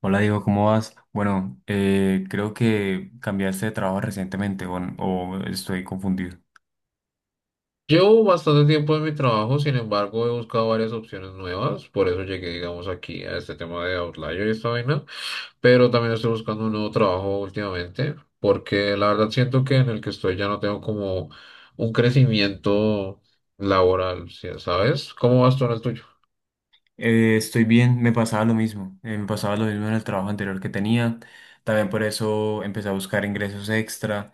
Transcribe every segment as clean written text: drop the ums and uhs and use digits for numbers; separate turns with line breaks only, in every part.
Hola Diego, ¿cómo vas? Bueno, creo que cambiaste de trabajo recientemente o estoy confundido.
Llevo bastante tiempo en mi trabajo, sin embargo, he buscado varias opciones nuevas, por eso llegué, digamos, aquí a este tema de Outlier y esta vaina, pero también estoy buscando un nuevo trabajo últimamente, porque la verdad siento que en el que estoy ya no tengo como un crecimiento laboral, ¿sabes? ¿Cómo vas tú en el tuyo?
Estoy bien, me pasaba lo mismo. Me pasaba lo mismo en el trabajo anterior que tenía. También por eso empecé a buscar ingresos extra.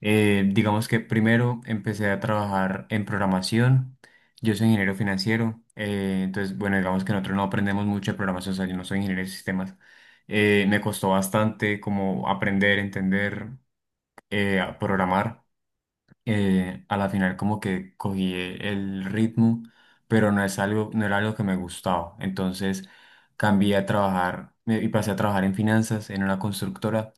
Digamos que primero empecé a trabajar en programación. Yo soy ingeniero financiero. Entonces, bueno, digamos que nosotros no aprendemos mucho de programación. O sea, yo no soy ingeniero de sistemas. Me costó bastante como aprender, entender, a programar. A la final como que cogí el ritmo, pero no era algo que me gustaba. Entonces cambié a trabajar me- y pasé a trabajar en finanzas, en una constructora.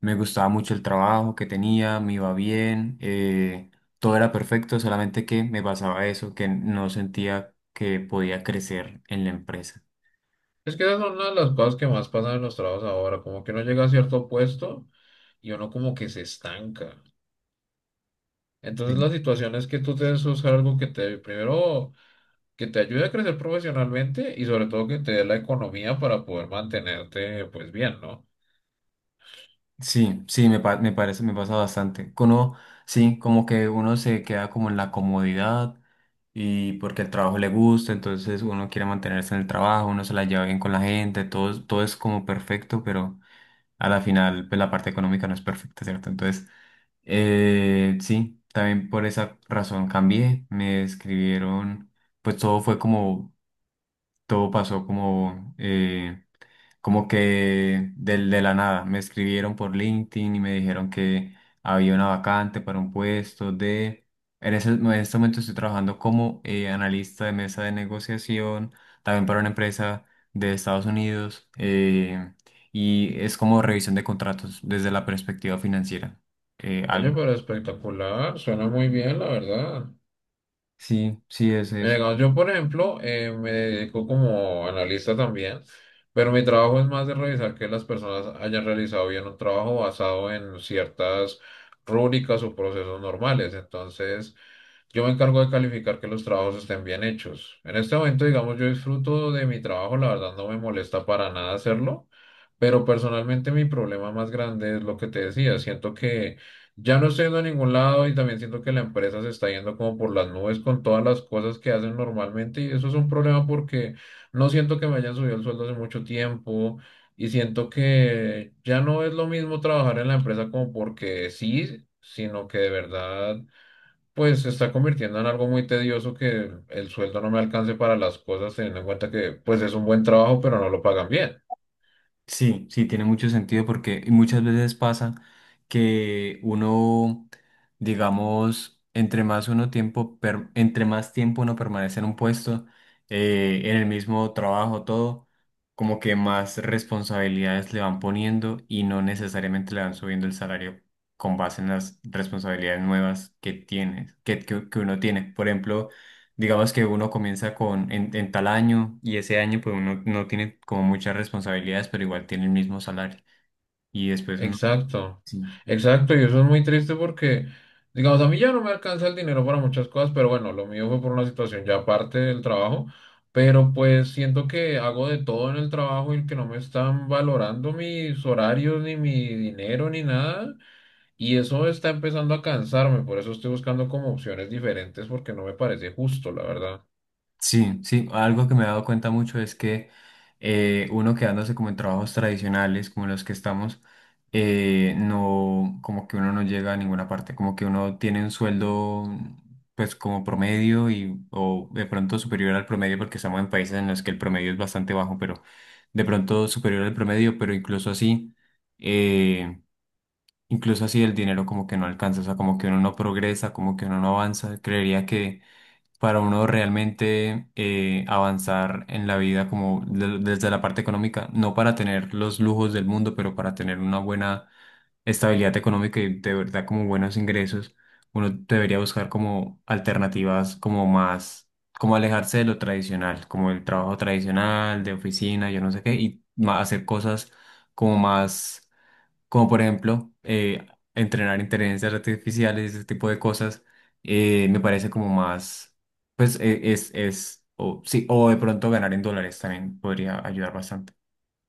Me gustaba mucho el trabajo que tenía, me iba bien, todo era perfecto, solamente que me pasaba eso, que no sentía que podía crecer en la empresa.
Es que esa es una de las cosas que más pasan en los trabajos ahora, como que uno llega a cierto puesto y uno como que se estanca. Entonces la situación es que tú tienes que buscar algo que te, primero que te ayude a crecer profesionalmente y sobre todo que te dé la economía para poder mantenerte pues bien, ¿no?
Sí, sí, me parece, me pasa bastante. Que uno, sí, como que uno se queda como en la comodidad y porque el trabajo le gusta, entonces uno quiere mantenerse en el trabajo, uno se la lleva bien con la gente, todo, todo es como perfecto, pero a la final, pues la parte económica no es perfecta, ¿cierto? Entonces, sí, también por esa razón cambié, me escribieron, pues todo fue como, todo pasó como, como que de la nada. Me escribieron por LinkedIn y me dijeron que había una vacante para un puesto de... en este momento estoy trabajando como analista de mesa de negociación, también para una empresa de Estados Unidos, y es como revisión de contratos desde la perspectiva financiera.
Oye,
Algo.
pero espectacular, suena muy bien, la verdad.
Sí, sí, es
Mira,
eso.
cuando yo, por ejemplo, me dedico como analista también, pero mi trabajo es más de revisar que las personas hayan realizado bien un trabajo basado en ciertas rúbricas o procesos normales. Entonces, yo me encargo de calificar que los trabajos estén bien hechos. En este momento, digamos, yo disfruto de mi trabajo, la verdad no me molesta para nada hacerlo, pero personalmente mi problema más grande es lo que te decía, siento que... Ya no estoy yendo a ningún lado y también siento que la empresa se está yendo como por las nubes con todas las cosas que hacen normalmente y eso es un problema porque no siento que me hayan subido el sueldo hace mucho tiempo y siento que ya no es lo mismo trabajar en la empresa como porque sí, sino que de verdad pues se está convirtiendo en algo muy tedioso que el sueldo no me alcance para las cosas teniendo en cuenta que pues es un buen trabajo pero no lo pagan bien.
Sí, sí, tiene mucho sentido porque y muchas veces pasa que uno, digamos, entre más tiempo uno permanece en un puesto, en el mismo trabajo, todo, como que más responsabilidades le van poniendo y no necesariamente le van subiendo el salario con base en las responsabilidades nuevas que tienes, que uno tiene. Por ejemplo, digamos que uno comienza en tal año y ese año pues uno no tiene como muchas responsabilidades, pero igual tiene el mismo salario. Y después uno,
Exacto,
sí.
exacto, y eso es muy triste porque, digamos, a mí ya no me alcanza el dinero para muchas cosas, pero bueno, lo mío fue por una situación ya aparte del trabajo, pero pues siento que hago de todo en el trabajo y que no me están valorando mis horarios, ni mi dinero, ni nada, y eso está empezando a cansarme, por eso estoy buscando como opciones diferentes porque no me parece justo, la verdad.
Sí, sí, algo que me he dado cuenta mucho es que uno quedándose como en trabajos tradicionales como los que estamos, no, como que uno no llega a ninguna parte, como que uno tiene un sueldo pues como promedio y o de pronto superior al promedio porque estamos en países en los que el promedio es bastante bajo, pero de pronto superior al promedio, pero eh, incluso así el dinero como que no alcanza, o sea, como que uno no progresa, como que uno no avanza, creería que para uno realmente avanzar en la vida como desde la parte económica, no para tener los lujos del mundo, pero para tener una buena estabilidad económica y de verdad como buenos ingresos, uno debería buscar como alternativas como más, como alejarse de lo tradicional, como el trabajo tradicional, de oficina, yo no sé qué, y hacer cosas como más como por ejemplo entrenar inteligencias artificiales, ese tipo de cosas, me parece como más, pues es, o, sí, o de pronto ganar en dólares también podría ayudar bastante.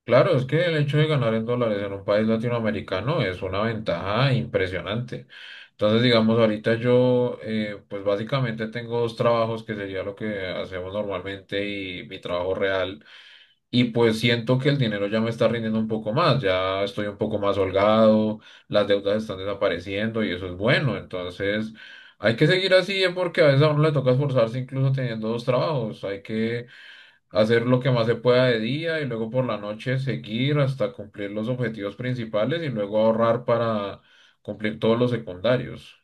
Claro, es que el hecho de ganar en dólares en un país latinoamericano es una ventaja impresionante. Entonces, digamos, ahorita yo, pues básicamente tengo dos trabajos que sería lo que hacemos normalmente y mi trabajo real. Y pues siento que el dinero ya me está rindiendo un poco más, ya estoy un poco más holgado, las deudas están desapareciendo y eso es bueno. Entonces, hay que seguir así, porque a veces a uno le toca esforzarse incluso teniendo dos trabajos. Hay que hacer lo que más se pueda de día y luego por la noche seguir hasta cumplir los objetivos principales y luego ahorrar para cumplir todos los secundarios.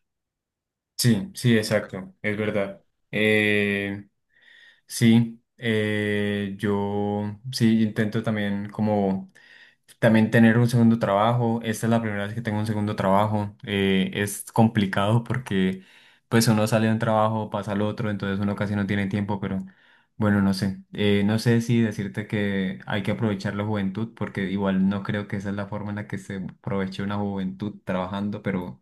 Sí, sí, exacto, es verdad. Eh, sí, yo sí intento también como también tener un segundo trabajo. Esta es la primera vez que tengo un segundo trabajo. Es complicado porque pues uno sale de un trabajo, pasa al otro, entonces uno casi no tiene tiempo, pero bueno, no sé. No sé si decirte que hay que aprovechar la juventud porque igual no creo que esa es la forma en la que se aproveche una juventud trabajando,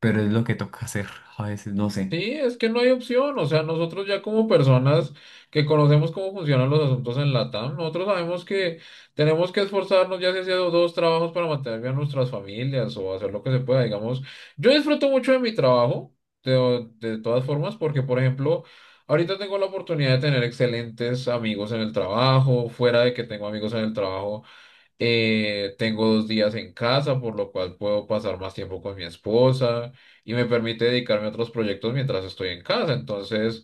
pero es lo que toca hacer a veces, no sé.
Sí, es que no hay opción, o sea, nosotros ya como personas que conocemos cómo funcionan los asuntos en LATAM, nosotros sabemos que tenemos que esforzarnos ya sea haciendo dos trabajos para mantener bien nuestras familias o hacer lo que se pueda, digamos. Yo disfruto mucho de mi trabajo, de todas formas, porque por ejemplo, ahorita tengo la oportunidad de tener excelentes amigos en el trabajo, fuera de que tengo amigos en el trabajo. Tengo dos días en casa, por lo cual puedo pasar más tiempo con mi esposa y me permite dedicarme a otros proyectos mientras estoy en casa. Entonces,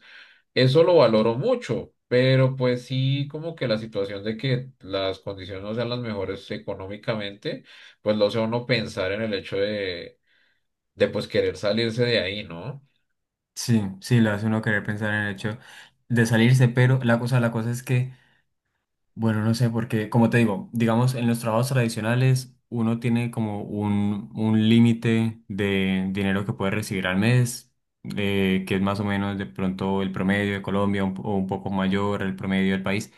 eso lo valoro mucho, pero pues sí, como que la situación de que las condiciones no sean las mejores económicamente, pues lo hace a uno pensar en el hecho de pues querer salirse de ahí, ¿no?
Sí, sí, le hace uno querer pensar en el hecho de salirse, pero la cosa es que... Bueno, no sé, porque como te digo, digamos, en los trabajos tradicionales uno tiene como un límite de dinero que puede recibir al mes, que es más o menos de pronto el promedio de Colombia o un poco mayor el promedio del país.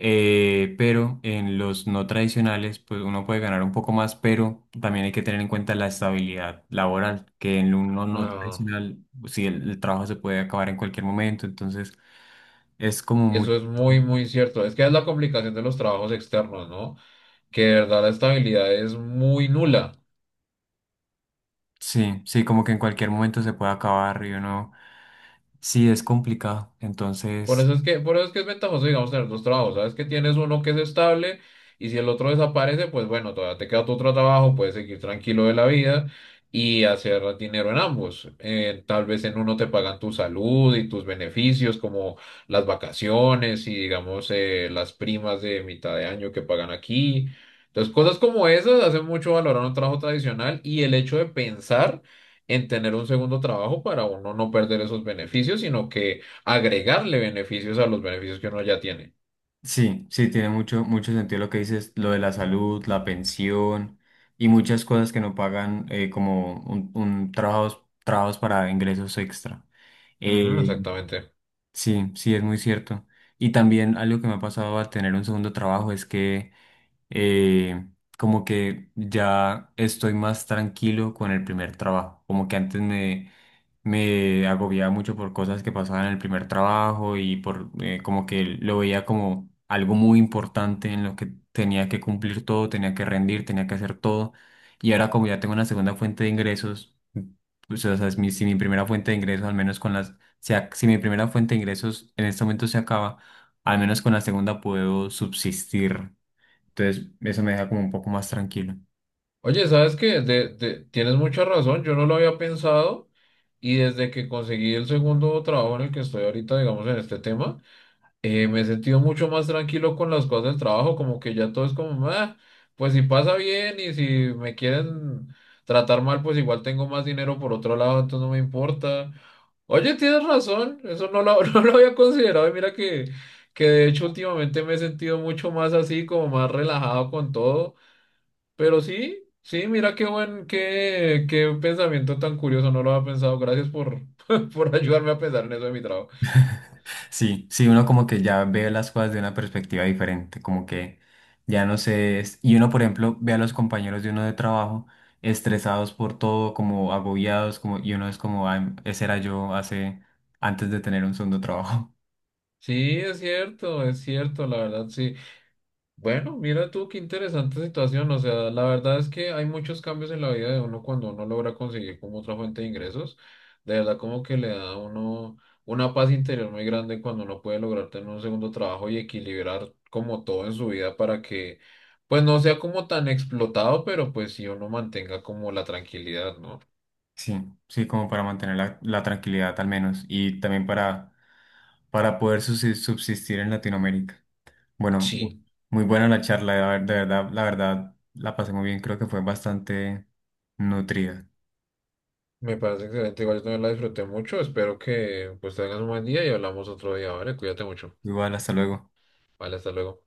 Pero en los no tradicionales, pues uno puede ganar un poco más, pero también hay que tener en cuenta la estabilidad laboral, que en uno no
Ah,
tradicional, si el trabajo se puede acabar en cualquier momento, entonces es como mucho.
eso es muy, muy cierto. Es que es la complicación de los trabajos externos, ¿no? Que de verdad la estabilidad es muy nula.
Sí, sí, como que en cualquier momento se puede acabar y uno, sí, es complicado. Entonces,
Por eso es que es ventajoso, digamos, tener dos trabajos. Sabes que tienes uno que es estable y si el otro desaparece, pues bueno, todavía te queda tu otro trabajo, puedes seguir tranquilo de la vida y hacer dinero en ambos. Tal vez en uno te pagan tu salud y tus beneficios, como las vacaciones y digamos, las primas de mitad de año que pagan aquí. Entonces, cosas como esas hacen mucho valorar un trabajo tradicional y el hecho de pensar en tener un segundo trabajo para uno no perder esos beneficios, sino que agregarle beneficios a los beneficios que uno ya tiene.
sí, sí, tiene mucho, mucho sentido lo que dices, lo de la salud, la pensión y muchas cosas que no pagan como un trabajos para ingresos extra.
Ujú,
Eh,
exactamente.
sí, sí, es muy cierto. Y también algo que me ha pasado al tener un segundo trabajo es que eh, como que ya estoy más tranquilo con el primer trabajo, como que antes me me agobiaba mucho por cosas que pasaban en el primer trabajo y por como que lo veía como algo muy importante en lo que tenía que cumplir todo, tenía que rendir, tenía que hacer todo. Y ahora como ya tengo una segunda fuente de ingresos, pues, o sea, si mi primera fuente de ingresos, al menos con las, si, si mi primera fuente de ingresos en este momento se acaba, al menos con la segunda puedo subsistir. Entonces, eso me deja como un poco más tranquilo.
Oye, ¿sabes qué? Tienes mucha razón, yo no lo había pensado y desde que conseguí el segundo trabajo en el que estoy ahorita, digamos, en este tema, me he sentido mucho más tranquilo con las cosas del trabajo, como que ya todo es como, "Ah, pues si pasa bien y si me quieren tratar mal, pues igual tengo más dinero por otro lado, entonces no me importa". Oye, tienes razón, eso no lo, no lo había considerado y mira que de hecho últimamente me he sentido mucho más así, como más relajado con todo, pero sí. Sí, mira qué buen, qué pensamiento tan curioso, no lo había pensado. Gracias por, por ayudarme a pensar en eso de mi trabajo.
Sí, sí, uno como que ya ve las cosas de una perspectiva diferente, como que ya no sé, y uno por ejemplo ve a los compañeros de uno de trabajo estresados por todo, como agobiados, como, y uno es como, ah, ese era yo hace, antes de tener un segundo trabajo.
Sí, es cierto, la verdad, sí. Bueno, mira tú qué interesante situación, o sea, la verdad es que hay muchos cambios en la vida de uno cuando uno logra conseguir como otra fuente de ingresos, de verdad como que le da a uno una paz interior muy grande cuando uno puede lograr tener un segundo trabajo y equilibrar como todo en su vida para que pues no sea como tan explotado, pero pues sí uno mantenga como la tranquilidad, ¿no?
Sí, sí, como para mantener la tranquilidad al menos, y también para poder subsistir en Latinoamérica. Bueno,
Sí.
muy buena la charla, de de verdad, la pasé muy bien, creo que fue bastante nutrida.
Me parece excelente, igual yo también la disfruté mucho, espero que pues tengas un buen día y hablamos otro día, ¿vale? Cuídate mucho.
Igual, hasta luego.
Vale, hasta luego.